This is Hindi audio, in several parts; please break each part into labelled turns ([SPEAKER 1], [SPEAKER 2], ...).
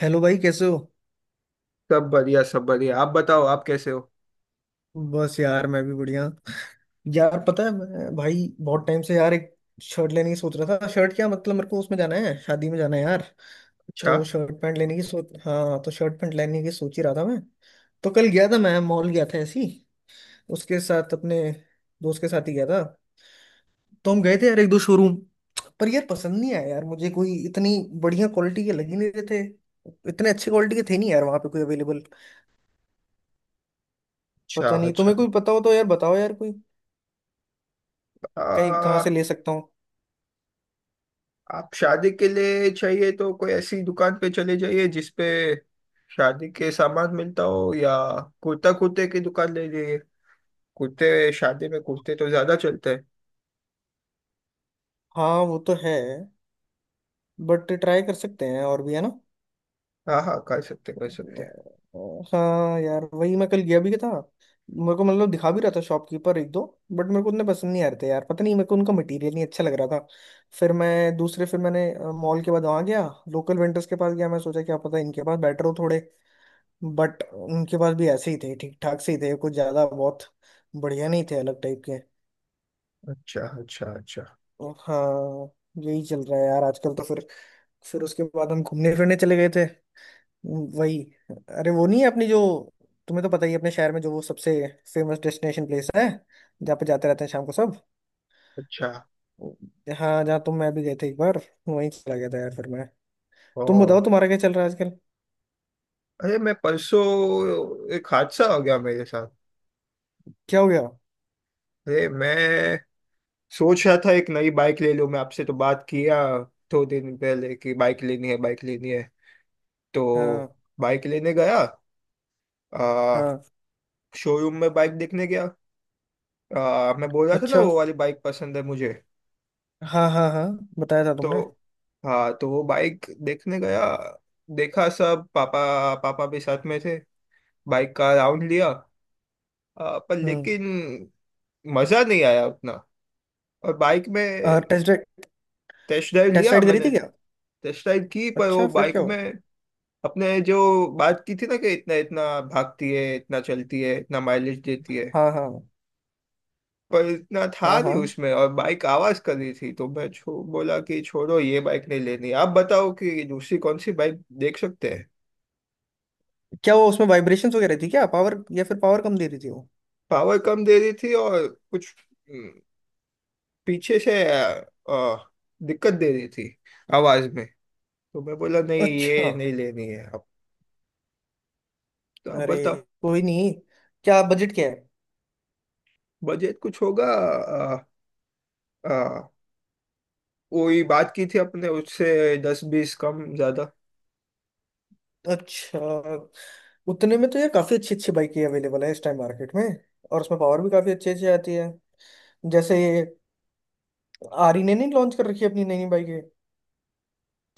[SPEAKER 1] हेलो भाई, कैसे हो?
[SPEAKER 2] सब बढ़िया सब बढ़िया, आप बताओ, आप कैसे हो?
[SPEAKER 1] बस यार, मैं भी बढ़िया। यार पता है, मैं भाई बहुत टाइम से यार एक शर्ट लेने की सोच रहा था। शर्ट क्या, मतलब मेरे को उसमें जाना है, शादी में जाना है यार।
[SPEAKER 2] अच्छा
[SPEAKER 1] तो शर्ट पैंट लेने की सोच हाँ, तो शर्ट पैंट लेने की सोच ही रहा था मैं। तो कल गया था मैं, मॉल गया था, ऐसी उसके साथ अपने दोस्त के साथ ही गया था। तो हम गए थे यार एक दो शोरूम पर, यार पसंद नहीं आया यार मुझे कोई, इतनी बढ़िया क्वालिटी के लग ही नहीं रहे थे। इतने अच्छे क्वालिटी के थे नहीं यार वहाँ पे कोई अवेलेबल।
[SPEAKER 2] अच्छा
[SPEAKER 1] पता नहीं,
[SPEAKER 2] अच्छा।
[SPEAKER 1] तुम्हें कोई पता हो तो यार बताओ यार, कोई कहीं कहाँ
[SPEAKER 2] आ,
[SPEAKER 1] से ले सकता हूँ।
[SPEAKER 2] आप शादी के लिए चाहिए तो कोई ऐसी दुकान पे चले जाइए जिसपे शादी के सामान मिलता हो या कुर्ता कुर्ते की दुकान ले लीजिए। कुर्ते, शादी में कुर्ते तो ज्यादा चलते हैं।
[SPEAKER 1] हाँ वो तो है, बट ट्राई कर सकते हैं और भी है ना।
[SPEAKER 2] हाँ हाँ, कर सकते कर सकते।
[SPEAKER 1] हाँ यार, वही मैं कल गया भी था। मेरे को मतलब दिखा भी रहा था शॉपकीपर एक दो, बट मेरे को उतने पसंद नहीं आ रहे थे यार, पता नहीं मेरे को उनका मटेरियल नहीं अच्छा लग रहा था। फिर मैंने मॉल के बाद वहाँ गया, लोकल वेंडर्स के पास गया मैं। सोचा क्या पता इनके पास बेटर हो थोड़े, बट उनके पास भी ऐसे ही थे, ठीक ठाक से ही थे, कुछ ज़्यादा बहुत बढ़िया नहीं थे, अलग टाइप के।
[SPEAKER 2] अच्छा अच्छा अच्छा
[SPEAKER 1] हाँ। यही चल रहा है यार आजकल तो। फिर उसके बाद हम घूमने फिरने चले गए थे, वही। अरे वो नहीं है अपनी जो, तुम्हें तो पता ही है, अपने शहर में जो वो सबसे फेमस डेस्टिनेशन प्लेस है, जहाँ पे जाते रहते हैं शाम को सब।
[SPEAKER 2] अच्छा।
[SPEAKER 1] हाँ, जहाँ तुम मैं भी गए थे एक बार, वहीं चला गया था यार फिर मैं।
[SPEAKER 2] ओ।
[SPEAKER 1] तुम बताओ, तुम्हारा क्या चल रहा है आजकल?
[SPEAKER 2] अरे, मैं परसों एक हादसा हो गया मेरे साथ।
[SPEAKER 1] क्या हो गया?
[SPEAKER 2] अरे मैं सोच रहा था एक नई बाइक ले लूं, मैं आपसे तो बात किया दो दिन पहले कि बाइक लेनी है, बाइक लेनी है। तो
[SPEAKER 1] हाँ
[SPEAKER 2] बाइक लेने गया। आ,
[SPEAKER 1] हाँ,
[SPEAKER 2] शोरूम में बाइक देखने गया। मैं बोल रहा था ना,
[SPEAKER 1] अच्छा।
[SPEAKER 2] वो वाली बाइक पसंद है मुझे।
[SPEAKER 1] हाँ हाँ हाँ, बताया था तुमने।
[SPEAKER 2] तो हाँ, तो वो बाइक देखने गया। देखा सब, पापा पापा भी साथ में थे। बाइक का राउंड लिया। पर
[SPEAKER 1] हम्म।
[SPEAKER 2] लेकिन मजा नहीं आया उतना। और बाइक में
[SPEAKER 1] test ride.
[SPEAKER 2] Test drive
[SPEAKER 1] test
[SPEAKER 2] लिया
[SPEAKER 1] राइड करी
[SPEAKER 2] मैंने।
[SPEAKER 1] थी क्या?
[SPEAKER 2] टेस्ट ड्राइव की, पर
[SPEAKER 1] अच्छा,
[SPEAKER 2] वो
[SPEAKER 1] फिर
[SPEAKER 2] बाइक
[SPEAKER 1] क्या हुआ?
[SPEAKER 2] में अपने जो बात की थी ना कि इतना इतना भागती है, इतना चलती है, इतना माइलेज देती है,
[SPEAKER 1] हाँ हाँ
[SPEAKER 2] पर इतना था
[SPEAKER 1] हाँ
[SPEAKER 2] नहीं
[SPEAKER 1] हाँ,
[SPEAKER 2] उसमें, और बाइक आवाज कर रही थी, तो मैं बोला कि छोड़ो ये बाइक नहीं लेनी, आप बताओ कि दूसरी कौन सी बाइक देख सकते हैं।
[SPEAKER 1] क्या वो उसमें वाइब्रेशंस वगैरह थी क्या, पावर? या फिर पावर कम दे रही थी वो?
[SPEAKER 2] पावर कम दे रही थी और कुछ हम्म, पीछे से दिक्कत दे रही थी आवाज में। तो मैं बोला नहीं,
[SPEAKER 1] अच्छा।
[SPEAKER 2] ये नहीं लेनी है अब। तो आप
[SPEAKER 1] अरे
[SPEAKER 2] बताओ।
[SPEAKER 1] कोई नहीं, क्या बजट क्या है?
[SPEAKER 2] बजट कुछ होगा अ, वही बात की थी अपने उससे, दस बीस कम ज्यादा।
[SPEAKER 1] अच्छा। उतने में तो ये काफी अच्छी अच्छी बाइकें अवेलेबल है इस टाइम मार्केट में, और उसमें पावर भी काफी अच्छी अच्छी आती है। जैसे ये आरी ने नहीं लॉन्च कर रखी है अपनी नई नई बाइकें,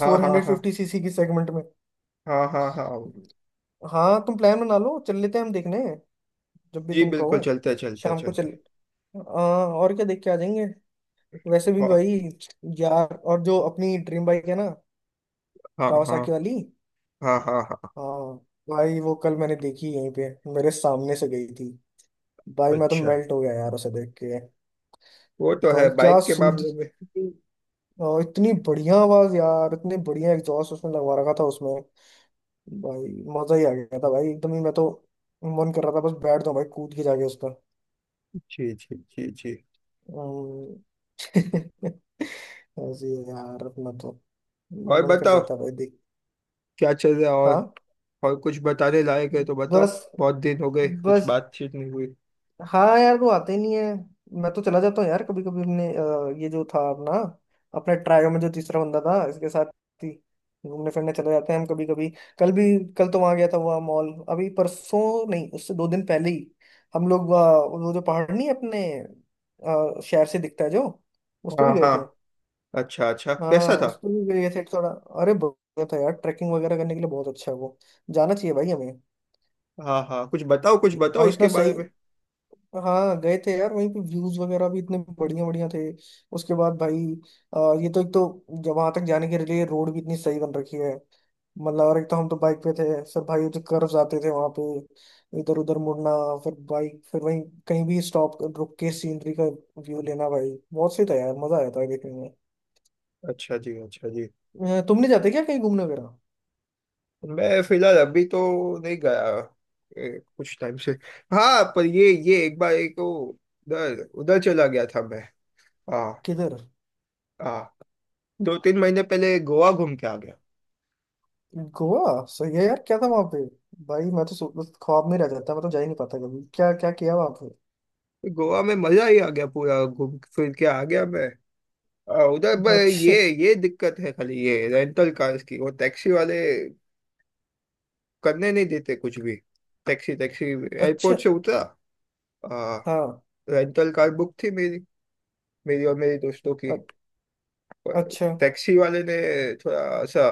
[SPEAKER 2] हाँ
[SPEAKER 1] फोर
[SPEAKER 2] हाँ
[SPEAKER 1] हंड्रेड
[SPEAKER 2] हाँ
[SPEAKER 1] फिफ्टी सीसी की सेगमेंट में।
[SPEAKER 2] हाँ हाँ हाँ हाँ।
[SPEAKER 1] हाँ, तुम प्लान बना लो, चल लेते हैं हम देखने जब भी
[SPEAKER 2] जी
[SPEAKER 1] तुम कहो।
[SPEAKER 2] बिल्कुल, चलते चलते
[SPEAKER 1] शाम को चल,
[SPEAKER 2] चलते।
[SPEAKER 1] और क्या देख के आ जाएंगे। वैसे भी भाई,
[SPEAKER 2] हाँ
[SPEAKER 1] यार और जो अपनी ड्रीम बाइक है ना,
[SPEAKER 2] हाँ हाँ
[SPEAKER 1] कावासाकी वाली।
[SPEAKER 2] हाँ हाँ हाँ।
[SPEAKER 1] हाँ। भाई वो कल मैंने देखी यहीं पे, मेरे सामने से गई थी। भाई मैं तो
[SPEAKER 2] अच्छा,
[SPEAKER 1] मेल्ट हो गया यार उसे देख के।
[SPEAKER 2] वो तो है
[SPEAKER 1] भाई क्या
[SPEAKER 2] बाइक के
[SPEAKER 1] सूद,
[SPEAKER 2] मामले में।
[SPEAKER 1] और इतनी बढ़िया आवाज यार, इतने बढ़िया एग्जॉस्ट उसमें लगवा रखा था उसमें भाई। मजा ही आ गया था भाई एकदम ही, मैं तो मन कर रहा था बस बैठ दो भाई, कूद के जाके उसका।
[SPEAKER 2] जी जी जी जी।
[SPEAKER 1] अम्म, ऐसे ही है यार अपना तो,
[SPEAKER 2] और
[SPEAKER 1] मन कर
[SPEAKER 2] बताओ,
[SPEAKER 1] जाता है भाई देख।
[SPEAKER 2] क्या चल रहा है और?
[SPEAKER 1] हाँ
[SPEAKER 2] और कुछ बताने लायक है तो बताओ।
[SPEAKER 1] बस।
[SPEAKER 2] बहुत दिन हो गए, कुछ
[SPEAKER 1] बस
[SPEAKER 2] बातचीत नहीं हुई।
[SPEAKER 1] हाँ यार, वो आते ही नहीं है। मैं तो चला जाता हूँ यार कभी कभी अपने, ये जो था अपना, अपने ट्रायो में जो तीसरा बंदा था, इसके साथ ही घूमने फिरने चले जाते हैं हम कभी कभी। कल भी, कल तो वहां गया था, वहाँ मॉल अभी परसों नहीं, उससे 2 दिन पहले ही हम लोग वो जो पहाड़ नहीं है अपने, शहर से दिखता है जो, उस पर
[SPEAKER 2] हाँ
[SPEAKER 1] भी गए
[SPEAKER 2] हाँ।
[SPEAKER 1] थे।
[SPEAKER 2] अच्छा अच्छा, कैसा
[SPEAKER 1] हाँ,
[SPEAKER 2] था?
[SPEAKER 1] उस पर भी गए थे थोड़ा। अरे बढ़िया था यार, ट्रैकिंग वगैरह करने के लिए बहुत अच्छा है वो, जाना चाहिए भाई हमें।
[SPEAKER 2] हाँ हाँ, कुछ बताओ, कुछ बताओ
[SPEAKER 1] भाई
[SPEAKER 2] उसके
[SPEAKER 1] इतना
[SPEAKER 2] बारे
[SPEAKER 1] सही।
[SPEAKER 2] में।
[SPEAKER 1] हाँ गए थे यार, वहीं पे व्यूज वगैरह भी इतने बढ़िया बढ़िया थे। उसके बाद भाई, ये तो एक तो जब वहां तक जाने के लिए रोड भी इतनी सही बन रखी है, मतलब। और एक तो हम तो बाइक पे थे, फिर भाई जो कर्व्स आते थे वहां पे इधर उधर मुड़ना, फिर बाइक फिर वहीं कहीं भी स्टॉप रुक के सीनरी का व्यू लेना, भाई बहुत सही था यार, मजा आया था देखने में।
[SPEAKER 2] अच्छा जी, अच्छा जी।
[SPEAKER 1] तुमने जाते क्या कहीं घूमने वगैरह?
[SPEAKER 2] मैं फिलहाल अभी तो नहीं गया, कुछ टाइम से। हाँ, पर ये एक बार एक वो उधर उधर चला गया था मैं। हाँ।
[SPEAKER 1] किधर?
[SPEAKER 2] हाँ दो तीन महीने पहले गोवा घूम के आ गया।
[SPEAKER 1] गोवा सही है यार, क्या था वहां पे? भाई मैं तो ख्वाब में रह जाता, मैं तो जा ही नहीं पाता कभी। क्या क्या किया वहां पे?
[SPEAKER 2] गोवा में मजा ही आ गया, पूरा घूम फिर के आ गया मैं उधर पर।
[SPEAKER 1] अच्छा
[SPEAKER 2] ये ये दिक्कत है खाली, ये रेंटल कार्स की, वो टैक्सी वाले करने नहीं देते कुछ भी। टैक्सी टैक्सी
[SPEAKER 1] अच्छा।
[SPEAKER 2] एयरपोर्ट से उतरा, आ,
[SPEAKER 1] हाँ।
[SPEAKER 2] रेंटल कार बुक थी मेरी मेरी और मेरे दोस्तों की।
[SPEAKER 1] अ-
[SPEAKER 2] पर
[SPEAKER 1] अच्छा।
[SPEAKER 2] टैक्सी वाले ने थोड़ा सा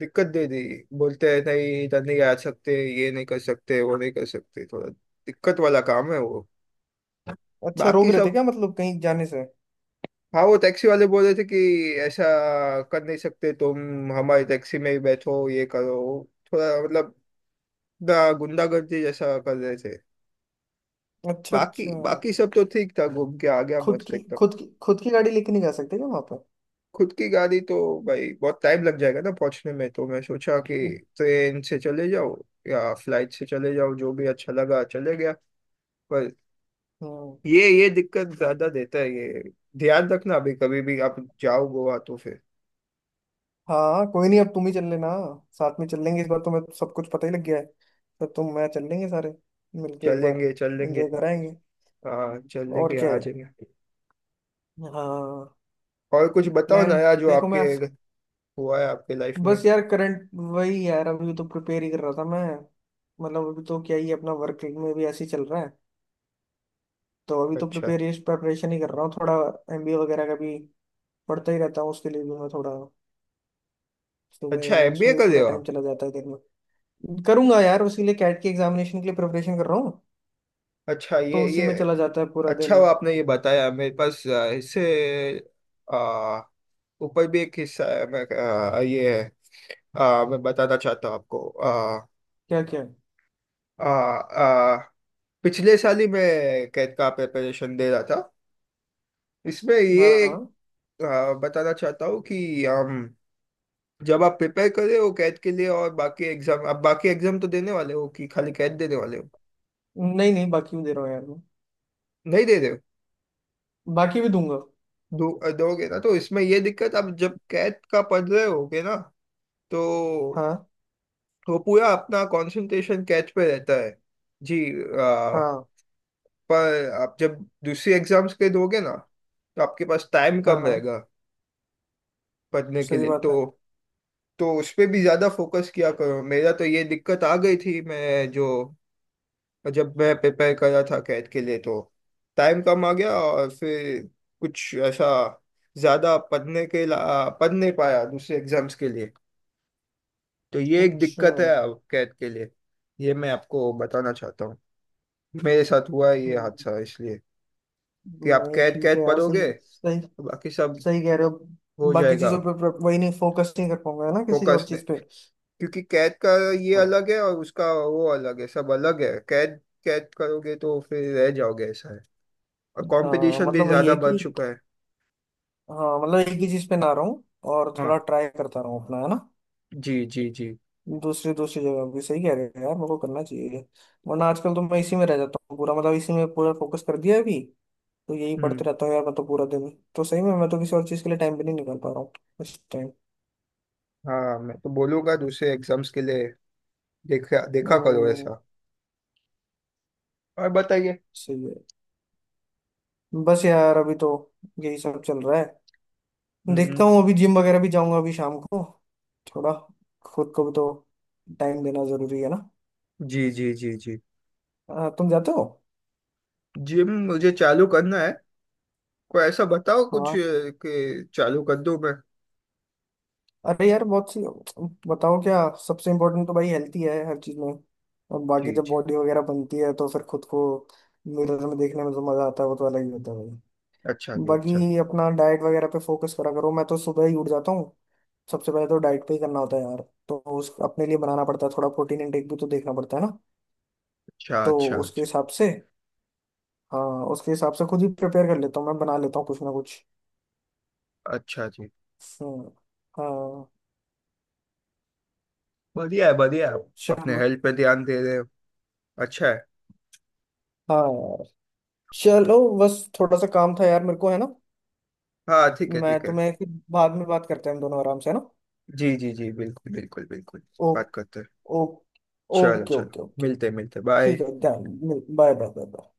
[SPEAKER 2] दिक्कत दे दी। बोलते हैं नहीं, इधर नहीं आ सकते, ये नहीं कर सकते, वो नहीं कर सकते, थोड़ा दिक्कत वाला काम है वो।
[SPEAKER 1] अच्छा, रोक
[SPEAKER 2] बाकी
[SPEAKER 1] रहे थे
[SPEAKER 2] सब।
[SPEAKER 1] क्या, मतलब कहीं जाने से?
[SPEAKER 2] हाँ, वो टैक्सी वाले बोल रहे थे कि ऐसा कर नहीं सकते तुम, हमारी टैक्सी में ही बैठो, ये करो, थोड़ा मतलब ना गुंडागर्दी जैसा कर रहे थे।
[SPEAKER 1] अच्छा
[SPEAKER 2] बाकी
[SPEAKER 1] अच्छा।
[SPEAKER 2] बाकी सब तो ठीक था, घूम के आ गया मस्त एकदम।
[SPEAKER 1] खुद की गाड़ी लेके नहीं जा सकते क्या वहां पर?
[SPEAKER 2] खुद की गाड़ी तो भाई बहुत टाइम लग जाएगा ना पहुंचने में, तो मैं सोचा कि ट्रेन से चले जाओ या फ्लाइट से चले जाओ, जो भी अच्छा लगा चले गया। पर
[SPEAKER 1] हम्म।
[SPEAKER 2] ये दिक्कत ज्यादा देता है ये। ध्यान रखना अभी, कभी भी आप जाओ गोवा तो फिर।
[SPEAKER 1] हाँ कोई नहीं, अब तुम ही चल लेना। साथ में चल लेंगे इस बार, तुम्हें सब कुछ पता ही लग गया है, तो तुम मैं चल लेंगे सारे मिलके एक बार।
[SPEAKER 2] चलेंगे चल लेंगे।
[SPEAKER 1] एंजॉय कराएंगे।
[SPEAKER 2] हाँ चल
[SPEAKER 1] और
[SPEAKER 2] लेंगे,
[SPEAKER 1] क्या
[SPEAKER 2] आ
[SPEAKER 1] है?
[SPEAKER 2] जाएंगे।
[SPEAKER 1] हाँ,
[SPEAKER 2] और कुछ बताओ
[SPEAKER 1] प्लान।
[SPEAKER 2] नया जो
[SPEAKER 1] देखो मैं,
[SPEAKER 2] आपके हुआ है आपके लाइफ में।
[SPEAKER 1] बस यार करंट वही यार अभी तो प्रिपेयर ही कर रहा था मैं। मतलब अभी तो क्या ही, अपना वर्क में भी ऐसे ही चल रहा है। तो अभी तो
[SPEAKER 2] अच्छा
[SPEAKER 1] प्रिपेरेशन प्रेपरेशन ही कर रहा हूँ थोड़ा। एमबीए वगैरह का भी पढ़ता ही रहता हूँ, उसके लिए भी मैं थोड़ा सुबह
[SPEAKER 2] अच्छा,
[SPEAKER 1] यार
[SPEAKER 2] एमबीए
[SPEAKER 1] उसमें भी
[SPEAKER 2] कर रहे
[SPEAKER 1] पूरा
[SPEAKER 2] हो
[SPEAKER 1] टाइम
[SPEAKER 2] आप?
[SPEAKER 1] चला जाता है दिन में। करूंगा यार, उसी लिए कैट के एग्जामिनेशन के लिए प्रिपरेशन कर रहा हूँ,
[SPEAKER 2] अच्छा,
[SPEAKER 1] तो उसी
[SPEAKER 2] ये
[SPEAKER 1] में चला जाता है पूरा
[SPEAKER 2] अच्छा
[SPEAKER 1] दिन।
[SPEAKER 2] हुआ आपने ये बताया। मेरे पास इससे ऊपर भी एक किस्सा है, मैं ये है, मैं बताना चाहता हूँ आपको। आ,
[SPEAKER 1] क्या क्या?
[SPEAKER 2] आ, आ, पिछले साल ही मैं कैट का प्रिपरेशन दे रहा था। इसमें
[SPEAKER 1] हाँ
[SPEAKER 2] ये एक
[SPEAKER 1] हाँ।
[SPEAKER 2] बताना चाहता हूँ कि हम, जब आप प्रिपेयर कर रहे हो कैट के लिए और बाकी एग्जाम, आप बाकी एग्जाम तो देने वाले हो कि खाली कैट देने वाले हो?
[SPEAKER 1] नहीं नहीं, बाकी भी दे रहा हूँ यार मैं,
[SPEAKER 2] नहीं दे रहे हो।
[SPEAKER 1] बाकी भी दूंगा।
[SPEAKER 2] दो दोगे ना तो इसमें ये दिक्कत, आप जब कैट का पढ़ रहे होगे ना तो
[SPEAKER 1] हाँ
[SPEAKER 2] वो पूरा अपना कंसंट्रेशन कैच पे रहता है। जी। आ,
[SPEAKER 1] हाँ
[SPEAKER 2] पर आप जब दूसरी एग्जाम्स के दोगे ना तो आपके पास टाइम
[SPEAKER 1] हाँ
[SPEAKER 2] कम
[SPEAKER 1] हाँ।
[SPEAKER 2] रहेगा पढ़ने के
[SPEAKER 1] सही
[SPEAKER 2] लिए।
[SPEAKER 1] बात
[SPEAKER 2] तो
[SPEAKER 1] है।
[SPEAKER 2] तो उस पे भी ज़्यादा फोकस किया करो। मेरा तो ये दिक्कत आ गई थी, मैं जो, जब मैं प्रिपेयर कर रहा था कैट के लिए तो टाइम कम आ गया, और फिर कुछ ऐसा ज़्यादा पढ़ने के पढ़ नहीं पाया दूसरे एग्जाम्स के लिए। तो ये एक
[SPEAKER 1] अच्छा।
[SPEAKER 2] दिक्कत है अब कैट के लिए, ये मैं आपको बताना चाहता हूँ। मेरे साथ हुआ है ये
[SPEAKER 1] हम्म।
[SPEAKER 2] हादसा, इसलिए कि आप
[SPEAKER 1] नहीं
[SPEAKER 2] कैट,
[SPEAKER 1] ठीक है
[SPEAKER 2] कैट
[SPEAKER 1] यार,
[SPEAKER 2] पढ़ोगे
[SPEAKER 1] सही
[SPEAKER 2] तो
[SPEAKER 1] सही।
[SPEAKER 2] बाकी सब
[SPEAKER 1] सही कह रहे हो,
[SPEAKER 2] हो
[SPEAKER 1] बाकी
[SPEAKER 2] जाएगा
[SPEAKER 1] चीजों पे पे- वही नहीं, फोकस नहीं कर पाऊंगा है ना किसी और
[SPEAKER 2] फोकस में।
[SPEAKER 1] चीज पे।
[SPEAKER 2] क्योंकि कैद का ये
[SPEAKER 1] हाँ।
[SPEAKER 2] अलग है, और उसका वो अलग है, सब अलग है, कैद कैद करोगे तो फिर रह जाओगे, ऐसा है। और
[SPEAKER 1] हाँ
[SPEAKER 2] कंपटीशन भी
[SPEAKER 1] मतलब वही है
[SPEAKER 2] ज्यादा बढ़
[SPEAKER 1] कि,
[SPEAKER 2] चुका है।
[SPEAKER 1] हाँ मतलब एक ही चीज पे ना रहूं, और थोड़ा
[SPEAKER 2] हाँ,
[SPEAKER 1] ट्राई करता रहूं अपना, है ना?
[SPEAKER 2] जी जी जी।
[SPEAKER 1] दूसरी दूसरी जगह भी सही कह रहे हो यार, मेरे को करना चाहिए। वरना आजकल तो मैं इसी में रह जाता हूँ पूरा, मतलब इसी में पूरा फोकस कर दिया है अभी, तो यही पढ़ते
[SPEAKER 2] हम्म।
[SPEAKER 1] रहता हूँ यार मैं तो पूरा दिन। तो सही में मैं तो किसी और चीज के लिए टाइम भी नहीं निकाल पा रहा हूँ इस टाइम।
[SPEAKER 2] हाँ, मैं तो बोलूंगा दूसरे एग्जाम्स के लिए देखा देखा करो
[SPEAKER 1] हम्म।
[SPEAKER 2] ऐसा। और बताइए।
[SPEAKER 1] सही है। बस यार अभी तो यही सब चल रहा है। देखता
[SPEAKER 2] हम्म।
[SPEAKER 1] हूँ अभी जिम वगैरह भी जाऊंगा अभी शाम को थोड़ा, खुद को भी तो टाइम देना जरूरी है ना।
[SPEAKER 2] जी जी जी जी।
[SPEAKER 1] हाँ, तुम जाते हो?
[SPEAKER 2] जिम मुझे चालू करना है, कोई ऐसा बताओ कुछ,
[SPEAKER 1] हाँ।
[SPEAKER 2] कि चालू कर दूं मैं।
[SPEAKER 1] अरे यार बहुत सी, बताओ क्या। सबसे इम्पोर्टेंट तो भाई हेल्थ ही है हर चीज में। और बाकी
[SPEAKER 2] जी
[SPEAKER 1] जब
[SPEAKER 2] जी।
[SPEAKER 1] बॉडी वगैरह बनती है तो फिर खुद को मिरर में देखने में जो मजा आता है, वो तो अलग ही होता है भाई।
[SPEAKER 2] अच्छा जी। अच्छा
[SPEAKER 1] बाकी अपना डाइट वगैरह पे फोकस करा करो, मैं तो सुबह ही उठ जाता हूँ, सबसे पहले तो डाइट पे ही करना होता है यार। तो उस अपने लिए बनाना पड़ता है थोड़ा, प्रोटीन इनटेक भी तो देखना पड़ता है ना।
[SPEAKER 2] अच्छा
[SPEAKER 1] तो
[SPEAKER 2] अच्छा
[SPEAKER 1] उसके
[SPEAKER 2] अच्छा।
[SPEAKER 1] हिसाब से, हाँ उसके हिसाब से खुद ही प्रिपेयर कर लेता हूँ, मैं बना लेता हूँ कुछ ना कुछ।
[SPEAKER 2] अच्छा जी।
[SPEAKER 1] हम्म। हाँ।
[SPEAKER 2] बढ़िया है, बढ़िया है। आप अपने
[SPEAKER 1] चलो।
[SPEAKER 2] हेल्थ पे ध्यान दे रहे हो, अच्छा है।
[SPEAKER 1] हाँ यार चलो, बस थोड़ा सा काम था यार मेरे को, है ना?
[SPEAKER 2] हाँ ठीक है,
[SPEAKER 1] मैं
[SPEAKER 2] ठीक है।
[SPEAKER 1] तुम्हें फिर बाद में, बात करते हैं हम दोनों आराम से, है ना?
[SPEAKER 2] जी जी जी, बिल्कुल बिल्कुल बिल्कुल।
[SPEAKER 1] ओ।
[SPEAKER 2] बात करते हैं।
[SPEAKER 1] ओ।
[SPEAKER 2] चलो
[SPEAKER 1] ओके
[SPEAKER 2] चलो।
[SPEAKER 1] Okay okay.
[SPEAKER 2] मिलते मिलते,
[SPEAKER 1] ठीक
[SPEAKER 2] बाय।
[SPEAKER 1] है, ध्यान। Bye bye bye bye.